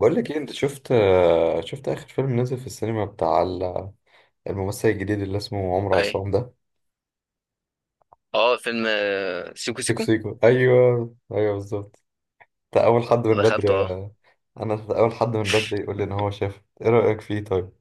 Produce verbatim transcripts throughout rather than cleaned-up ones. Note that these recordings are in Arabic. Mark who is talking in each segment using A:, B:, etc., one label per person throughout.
A: بقول لك ايه، انت شفت شفت اخر فيلم نزل في السينما بتاع ال- الممثل الجديد اللي اسمه عمرو
B: اي.
A: عصام ده.
B: اه، فيلم آه، سيكو
A: سيكو
B: سيكو.
A: سيكو، ايوه، ايوه، بالظبط. انت اول حد من بدري
B: دخلته، اه.
A: انا اول حد من بدري يقول لي ان هو شافه. ايه رايك فيه؟ طيب.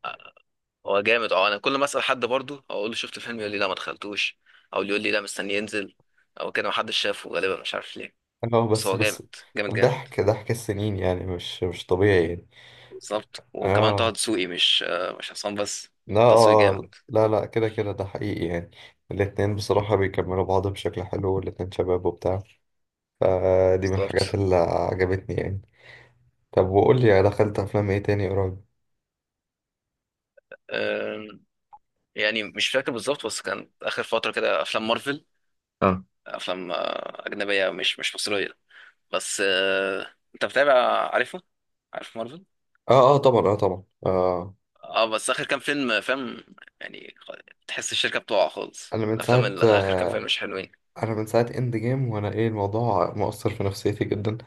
B: هو جامد. اه، انا كل ما اسال حد برضه اقول له شفت الفيلم، يقول لي لا، ما دخلتوش، او يقول لي لا، مستني ينزل، او كده محدش شافه، غالبا مش عارف ليه.
A: اه،
B: بس
A: بس،
B: هو جامد،
A: بس.
B: جامد، جامد.
A: ضحك ضحك السنين، يعني مش مش طبيعي يعني.
B: بالظبط، وكمان طه
A: اه،
B: دسوقي مش آه، مش عصام بس.
A: لا،
B: طه دسوقي
A: آه،
B: جامد.
A: آه. لا، لا، كده، كده، ده حقيقي يعني. الاتنين بصراحة بيكملوا بعض بشكل حلو، والاتنين شباب وبتاع. فدي من
B: بالظبط.
A: الحاجات اللي عجبتني يعني. طب، وقول لي دخلت افلام ايه تاني قريب؟
B: آم، يعني مش فاكر بالظبط، بس كان اخر فتره كده افلام مارفل.
A: اه،
B: افلام آه، اجنبيه، مش مش مصريه. بس آه، انت متابع؟ عارفه عارف مارفل؟
A: اه، اه طبعا، اه طبعا آه
B: اه. بس اخر كام فيلم، فاهم؟ يعني تحس الشركه بتقع خالص.
A: انا من
B: الافلام
A: ساعة
B: اللي اخر كام فيلم
A: آه
B: مش حلوين.
A: انا من ساعة اند جيم، وانا ايه، الموضوع مؤثر في نفسيتي جدا.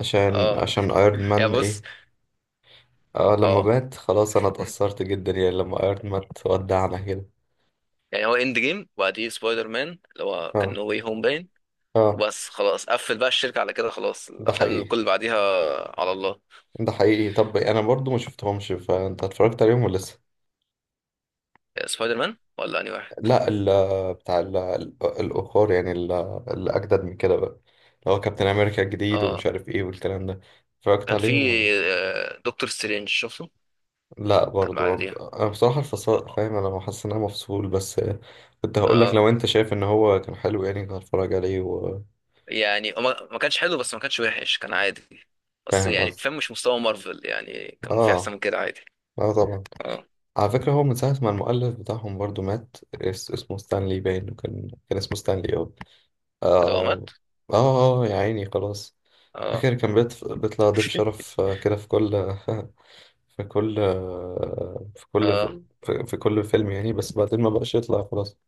A: عشان
B: اه.
A: عشان ايرون
B: يا
A: مان،
B: بص،
A: ايه. آه لما
B: اه،
A: مات خلاص، انا اتأثرت جدا يعني، لما ايرون مات ودعنا كده.
B: يعني هو اند جيم، وبعديه سبايدر مان اللي هو كان
A: اه،
B: نو واي هوم، باين.
A: اه،
B: وبس. خلاص قفل بقى الشركه على كده. خلاص
A: ده
B: الافلام اللي
A: حقيقي،
B: كل اللي بعديها. على الله.
A: ده حقيقي. طب انا برضو ما شفتهمش، فانت اتفرجت عليهم ولا لسه؟
B: سبايدر مان ولا انهي واحد؟
A: لا، ال بتاع ال الأخر يعني، ال- اللي أجدد من كده بقى، اللي هو كابتن أمريكا الجديد، ومش
B: اه.
A: عارف إيه والكلام ده. اتفرجت
B: كان في
A: عليهم ولا؟
B: آه، دكتور سترينج، شفته.
A: لا
B: كان
A: برضو، أنا بص-
B: بعديها.
A: أنا بصراحة الفصل،
B: اه.
A: فاهم، أنا حاسس إن أنا مفصول بس. كنت هقول لك
B: آه.
A: لو أنت شايف إن هو كان حلو، يعني كنت هتفرج عليه.
B: يعني ما ما كانش حلو، بس ما كانش وحش، كان عادي. بس
A: وفاهم
B: يعني
A: قصدي؟
B: فاهم، مش مستوى مارفل. يعني كان في احسن
A: آه،
B: من كده عادي.
A: آه طبعا.
B: اه.
A: على فكرة، هو من ساعة ما المؤلف بتاعهم برضو مات، اس- اسمه ستانلي باين، وكان كان اسمه ستانلي أه
B: كده هو
A: آه،
B: مات.
A: آه، يا عيني، خلاص.
B: اه،
A: فاكر كان بيت- بيطلع ضيف شرف آه، كده في كل في كل آه، في كل
B: اه،
A: في, في كل فيلم يعني، بس بعدين ما بقاش يطلع خلاص.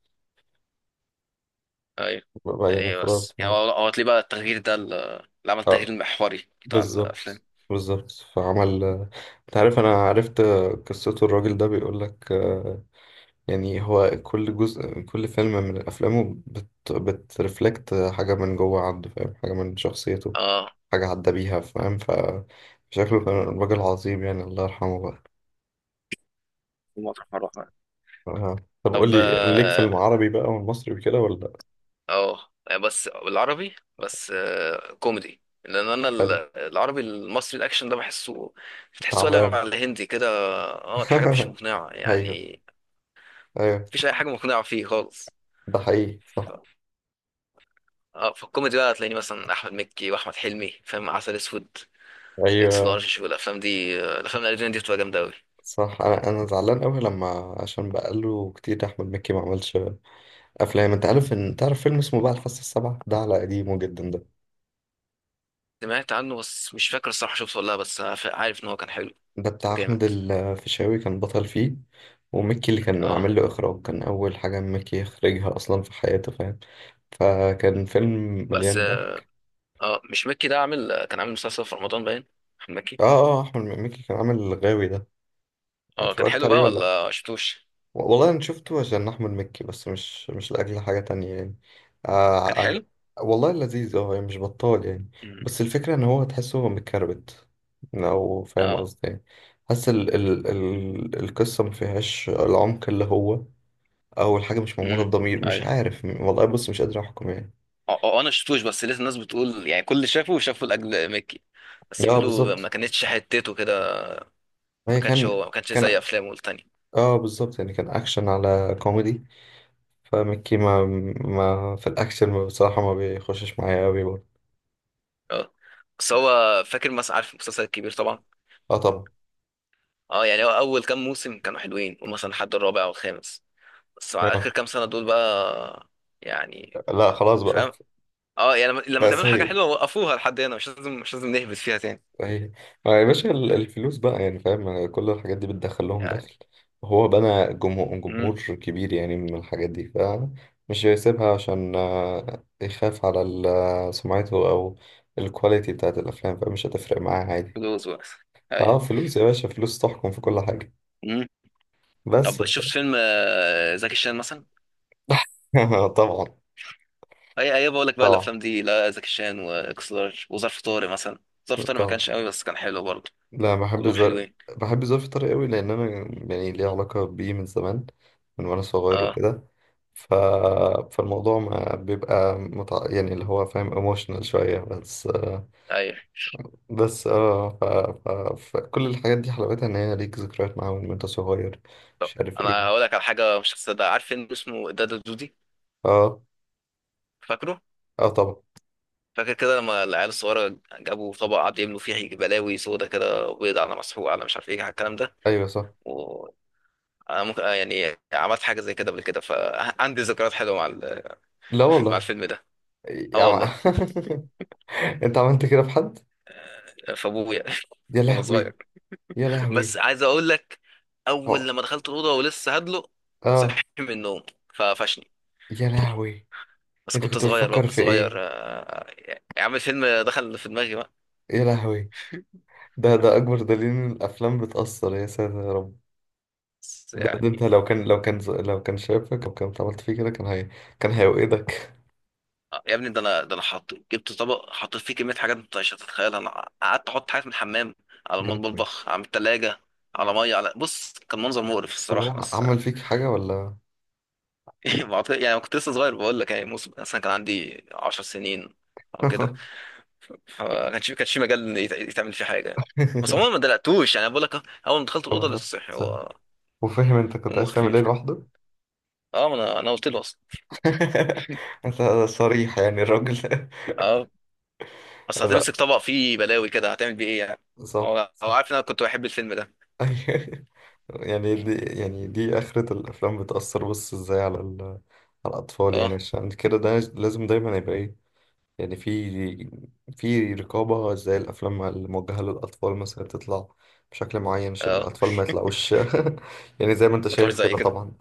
B: ايوه.
A: بقى
B: يعني
A: يعني
B: ايه؟ بس
A: خلاص
B: يعني
A: مات.
B: هو هو تلاقيه بقى التغيير ده، ال- اللي عمل التغيير
A: اه،
B: المحوري بتاع الافلام.
A: بالظبط، بالظبط. فعمل آه، انت عارف انا عرفت آه، قصته، الراجل ده بيقول لك آه، يعني، هو كل جزء، كل فيلم من افلامه بت بترفلكت حاجة من جوه عنده، فاهم، حاجة من شخصيته،
B: اه.
A: حاجة عدى بيها، فاهم، فشكله كان راجل عظيم يعني، الله يرحمه بقى.
B: مطرح ما رحنا.
A: آه. طب قول
B: طب،
A: لي، ليك في
B: اه.
A: العربي بقى والمصري وكده ولا؟
B: آه، يعني بس العربي، بس آه كوميدي، لان انا ال-
A: حلو.
B: العربي المصري الاكشن ده بحسه بتحسه قلب
A: تعبان.
B: على الهندي كده. اه. الحاجات مش مقنعه
A: ايوه،
B: يعني.
A: ايوه،
B: مفيش اي حاجه مقنعه فيه خالص.
A: ده حقيقي، صح.
B: ف- اه، في الكوميدي بقى هتلاقيني مثلا احمد مكي واحمد حلمي، فاهم؟ عسل اسود، اكس
A: ايوه،
B: لارج، والافلام دي، الافلام الاجنبيه دي بتبقى جامده قوي.
A: صح، انا انا زعلان قوي، لما عشان بقاله كتير احمد مكي ما عملش افلام. انت عارف، ان تعرف فيلم اسمه بقى الفصل السبعة ده، على قديمه جدا ده.
B: سمعت عنه بس مش فاكر الصراحه شفته ولا لا، بس أنا فا- عارف ان هو كان حلو.
A: ده
B: كان
A: بتاع احمد
B: جامد.
A: الفيشاوي، كان بطل فيه. ومكي اللي كان
B: اه.
A: عامل له اخراج، كان اول حاجه مكي يخرجها اصلا في حياته، فاهم. فكان فيلم
B: بس،
A: مليان ضحك.
B: اه، مش مكي ده عامل كان عامل مسلسل في رمضان باين. احمد مكي.
A: اه، اه، احمد مكي كان عامل الغاوي ده.
B: اه. كان
A: اتفرجت
B: حلو
A: عليه
B: بقى
A: ولا؟
B: ولا شفتوش؟
A: والله انا شفته عشان احمد مكي، بس مش مش لاجل حاجه تانية يعني.
B: كان
A: آه عج...
B: حلو.
A: والله لذيذ، اه يعني مش بطال يعني.
B: مم.
A: بس الفكره ان هو تحسه متكربت، لو فاهم
B: اه،
A: قصدي يعني. حاسس ال... ال... ال... القصه ما فيهاش العمق اللي هو، او الحاجه مش معموله
B: امم
A: بضمير، مش
B: ايوه.
A: عارف والله، بص مش قادر احكم يعني.
B: اه. آه، انا شفتوش، بس لقيت الناس بتقول يعني، كل اللي شافه شافوا لاجل مكي. بس
A: اه،
B: بيقولوا
A: بالظبط.
B: ما كانتش حتته كده. ما
A: هي
B: كانش
A: كان
B: هو، ما كانش زي
A: كان
B: افلامه التانية.
A: اه بالظبط يعني كان اكشن على كوميدي. فمكي، ما ما في الاكشن بصراحه، ما بيخشش معايا قوي برضه.
B: اه. بس هو، فاكر مثلا؟ عارف المسلسل الكبير طبعا.
A: اه طبعا.
B: اه. يعني هو اول كام موسم كانوا حلوين، ومثلا لحد الرابع او الخامس. بس مع اخر كام سنه دول بقى، يعني،
A: لا، خلاص بقى.
B: فاهم؟ اه، يعني لما لما
A: بقى
B: تعملوا حاجه
A: سيد.
B: حلوه وقفوها لحد هنا. مش لازم، مش لازم نهبط فيها تاني.
A: صحيح. ما يا باشا، ال- الفلوس بقى يعني، فاهم، كل الحاجات دي بتدخل لهم
B: يعني،
A: دخل. وهو بنى جمهور
B: امم
A: جمهور كبير يعني من الحاجات دي، فمش هيسيبها عشان آه، يخاف على ال- سمعته، او الكواليتي بتاعت الافلام، فمش هتفرق معاه عادي.
B: فلوس بس.
A: اه،
B: ايوه.
A: فلوس يا باشا، فلوس تحكم في كل حاجة.
B: امم
A: بس
B: طب، شفت
A: ف-
B: فيلم آه، زكي شان مثلا؟
A: طبعا،
B: اي، اي. بقول لك بقى
A: طبعا،
B: الافلام دي، لا زكي شان واكس لارج وظرف طارق مثلا. ظرف طارق ما
A: طبعا.
B: كانش قوي بس كان حلو برضه.
A: لا، بحب
B: كلهم
A: الزرق.
B: حلوين.
A: بحب الزرق في الطريق قوي، لان انا يعني ليه علاقه بيه من زمان، من وانا صغير
B: اه.
A: وكده. ف... فالموضوع ما بيبقى متع... يعني، اللي هو فاهم، ايموشنال شويه بس.
B: ايوه.
A: بس اه، ف... ف... فكل الحاجات دي حلاوتها ان هي ليك ذكريات معاهم وانت صغير،
B: طب،
A: مش عارف
B: انا هقول
A: ايه.
B: لك على حاجه مش هتصدق. عارف فيلم اسمه دادا دودي؟
A: اه،
B: فاكره؟
A: اه طبعا،
B: فاكر كده لما العيال الصغيرة جابوا طبق، قعدوا يملوا فيه بلاوي سودا كده، بيض على مسحوق على مش عارف ايه، على الكلام ده.
A: ايوه، صح،
B: و أنا ممكن آه يعني، عملت حاجة زي كده قبل كده، فعندي ذكريات حلوة مع ال-
A: لا
B: مع
A: والله.
B: الفيلم ده.
A: يا
B: اه، والله.
A: عم... انت عملت كده في حد؟
B: فابويا،
A: يا
B: وانا
A: لهوي،
B: صغير.
A: يا
B: بس
A: لهوي.
B: عايز اقول لك، اول
A: اه،
B: لما دخلت الأوضة ولسه هدلق،
A: آه،
B: صحي من النوم، فقفشني.
A: يا لهوي.
B: بس
A: انت
B: كنت
A: كنت
B: صغير بقى،
A: بتفكر
B: كنت
A: في
B: صغير.
A: ايه؟
B: آه، يا عم، الفيلم دخل في دماغي بقى.
A: يا لهوي. ده ده اكبر دليل ان الافلام بتاثر، يا ساتر يا رب.
B: بس
A: ده, ده انت،
B: يعني،
A: لو كان لو كان لو كان شافك او كان عملت فيه كده، كان هي كان هيوقدك.
B: آه، يا ابني، ده انا ده انا حط جبت طبق، حطيت فيه كميه حاجات انت مش هتتخيلها. انا قعدت احط حاجات من الحمام، على
A: يا لهوي.
B: المطبخ، على التلاجة، على ميه، على بص، كان منظر مقرف
A: طب
B: الصراحه،
A: هو
B: بس.
A: عمل فيك حاجه ولا؟
B: بعت- يعني كنت لسه صغير، بقول لك يعني موسم مثلا كان عندي 10 سنين او كده. فما كانش كانش في مجال إن يت- يتعمل فيه حاجه. بس عموما ما دلقتوش، يعني بقول لك، اول ما دخلت
A: طب
B: الاوضه
A: ده
B: لسه صحي
A: سهل.
B: هو.
A: وفاهم انت كنت
B: نومه
A: عايز تعمل ايه
B: خفيف كده.
A: لوحده؟
B: اه، ما انا، انا قلت له اصلا.
A: انت صريح يعني الراجل.
B: اه، اصل
A: لا،
B: هتمسك طبق فيه بلاوي كده، هتعمل بيه ايه يعني؟
A: صح،
B: هو هو
A: صح.
B: عارف ان انا كنت بحب الفيلم ده.
A: أيوه. يعني دي يعني دي اخرة الافلام، بتاثر بص ازاي على ال... على الاطفال يعني،
B: اه،
A: عشان كده ده لازم دايما يبقى ايه. يعني في في رقابة، زي الأفلام الموجهة للأطفال مثلا تطلع بشكل معين عشان
B: اه،
A: الأطفال ما يطلعوش يعني زي ما أنت
B: ما طلعوش
A: شايف
B: زي
A: كده
B: كده.
A: طبعا.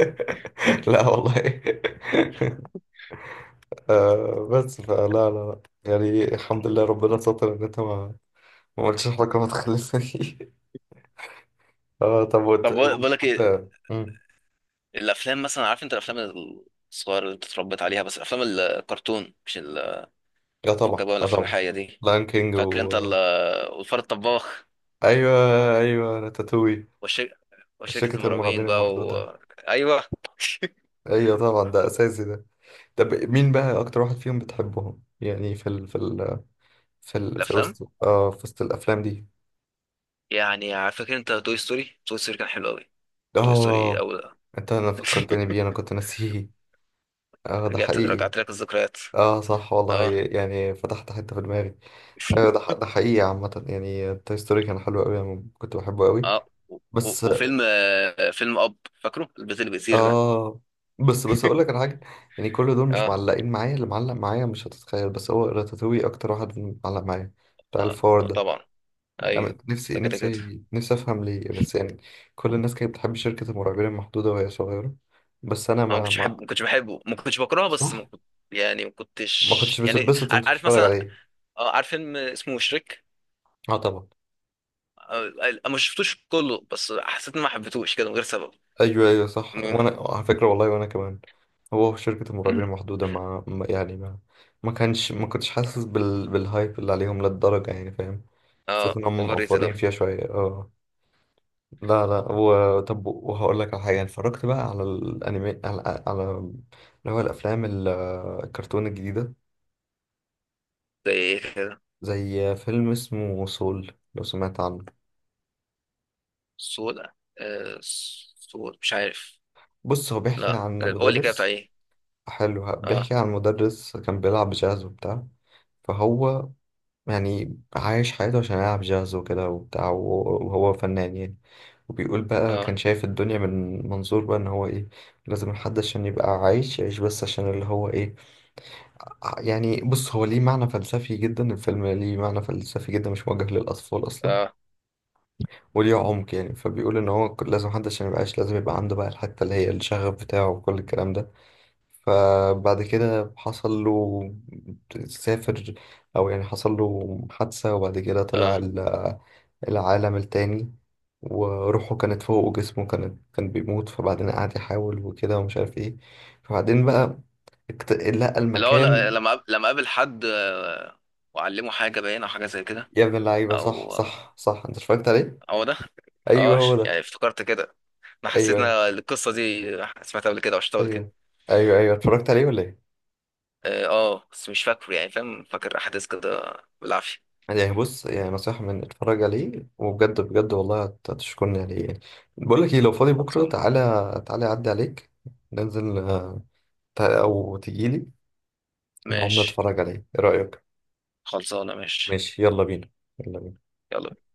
A: لا والله. آه بس، فلا، لا، لا، يعني الحمد
B: مم.
A: لله، ربنا ستر إن أنت ما ما قلتش حاجة ما تخلفني. اه طب، وت...
B: طب، بقول بقول لك ايه،
A: وبتحب. مم.
B: الافلام مثلا، عارف انت الافلام الصغيره اللي انت اتربيت عليها، بس الافلام الكرتون مش ال-
A: اه
B: فكك بقى
A: طبعا،
B: من
A: اه
B: الافلام
A: طبعا.
B: الحقيقيه دي.
A: لاين كينج
B: فاكر
A: و
B: انت ال- والفار الطباخ،
A: أيوه، أيوه، راتاتوي.
B: والشر... وشركه
A: شركة
B: المرعبين
A: المرعبين
B: بقى،
A: المحدودة.
B: و... ايوه.
A: أيوه طبعا، ده أساسي ده. طب مين بقى اكتر واحد فيهم بتحبهم يعني في ال في ال في ال في
B: الافلام،
A: وسط اه في وسط الافلام دي.
B: يعني، عارف- فاكر انت توي ستوري؟ توي ستوري كان حلو قوي. توي ستوري
A: اه،
B: اول.
A: انت انا فكرتني بيه، انا كنت ناسيه. اه، ده
B: رجعت
A: حقيقي.
B: رجعت لك الذكريات.
A: اه صح والله،
B: اه.
A: يعني فتحت حتة في دماغي. ايوه، ده ح- ده حقيقي عامة يعني، توي ستوري كان حلو قوي، انا كنت بحبه قوي.
B: اه، و- و-
A: بس
B: وفيلم آه، فيلم اب، فاكره البيت اللي بيطير ده؟
A: اه بس، بس اقول لك على حاجة، يعني كل دول مش
B: اه،
A: معلقين معايا، اللي معلق معايا مش هتتخيل، بس هو راتاتوي اكتر واحد معلق معايا، بتاع
B: اه،
A: الفار ده.
B: طبعا.
A: أنا
B: ايوه
A: نفسي،
B: ده، كده كده.
A: نفسي، نفسي أفهم ليه، بس يعني كل الناس كانت بتحب شركة المرعبين المحدودة وهي صغيرة، بس أنا
B: انا ما
A: ما
B: كنتش
A: ما
B: احب ما كنتش بحبه، ما كنتش بكرهه، بس ما
A: صح،
B: كنت، يعني، ما
A: ما كنتش
B: كنتش، يعني،
A: بتتبسط
B: ع-
A: وأنت
B: عارف
A: بتتفرج
B: مثلا،
A: عليه.
B: آه، عارف فيلم اسمه مشرك؟
A: أه طبعا.
B: آه، آه، ما شفتوش كله، بس حسيت اني ما حبيتهوش كده من غير سبب.
A: أيوه، أيوه، صح،
B: م-
A: وأنا على فكرة والله، وأنا كمان. هو شركة المرعبين
B: م-
A: المحدودة، ما ما- يعني ما ما كانش، ما كنتش حاسس بال... بالهايب اللي عليهم للدرجة يعني، فاهم. حسيت
B: اه،
A: إنهم
B: اوفر ريتد اوي.
A: مقفرين فيها شوية أه لا، لا، و... طب وهقول لك على حاجة، اتفرجت بقى على الأنمي، على, على اللي هو الأفلام ال- الكرتون الجديدة،
B: زي ايه كده؟
A: زي فيلم اسمه سول، لو سمعت عنه.
B: سودا. آه، سودا، مش عارف.
A: بص هو، بيحكي
B: لا،
A: عن
B: قول لي كده بتاع
A: مدرس
B: ايه؟
A: حلو،
B: اه،
A: بيحكي عن مدرس كان بيلعب جاز وبتاع. فهو يعني عايش حياته عشان يلعب جاز وكده وبتاع، وهو وهو فنان يعني. وبيقول بقى،
B: اه،
A: كان شايف الدنيا من منظور بقى ان هو ايه، لازم الحد عشان يبقى عايش يعيش بس عشان اللي هو ايه. آه، يعني بص، هو ليه معنى فلسفي جدا، الفيلم ليه معنى فلسفي جدا، مش موجه للأطفال أصلا،
B: اه،
A: وليه عمق يعني. فبيقول إن هو ك- لازم محدش عشان يبقاش، لازم يبقى عنده بقى الحتة اللي هي الشغف بتاعه وكل الكلام ده. فبعد كده حصل له، سافر، أو يعني حصل له حادثة، وبعد كده طلع
B: اه.
A: ال- العالم التاني، وروحه كانت فوق وجسمه كان كان بيموت. فبعدين قعد يحاول وكده ومش عارف ايه. فبعدين بقى اكت- لقى
B: اللي هو
A: المكان.
B: ل- لما أق- لما قابل حد، آه، وعلمه حاجه، باينه، او حاجه زي كده.
A: يا ابن اللعيبة، صح،
B: او
A: صح، صح، انت اتفرجت عليه؟
B: هو ده.
A: ايوه،
B: اه،
A: هو
B: ش-
A: ده.
B: يعني افتكرت كده. انا حسيت
A: ايوه،
B: ان
A: ايوه،
B: أنا القصه دي سمعتها قبل كده او شفتها قبل كده.
A: ايوه، ايوه، ايوه، اتفرجت عليه ولا ايه؟
B: اه. آه، بس مش فاكره، يعني فاهم؟ فاكر احداث كده بالعافيه.
A: يعني بص، يعني نصيحة، من اتفرج عليه وبجد، بجد والله هت- هتشكرني عليه يعني. بقول لك ايه، لو فاضي بكرة
B: خلصان،
A: تعالى، تعالى اعدي عليك، ننزل آه، تع- او تجيلي نقعد
B: ماشي.
A: نتفرج عليه، ايه رأيك؟
B: خلصانه، ماشي.
A: ماشي، يلا بينا، يلا بينا.
B: يلا.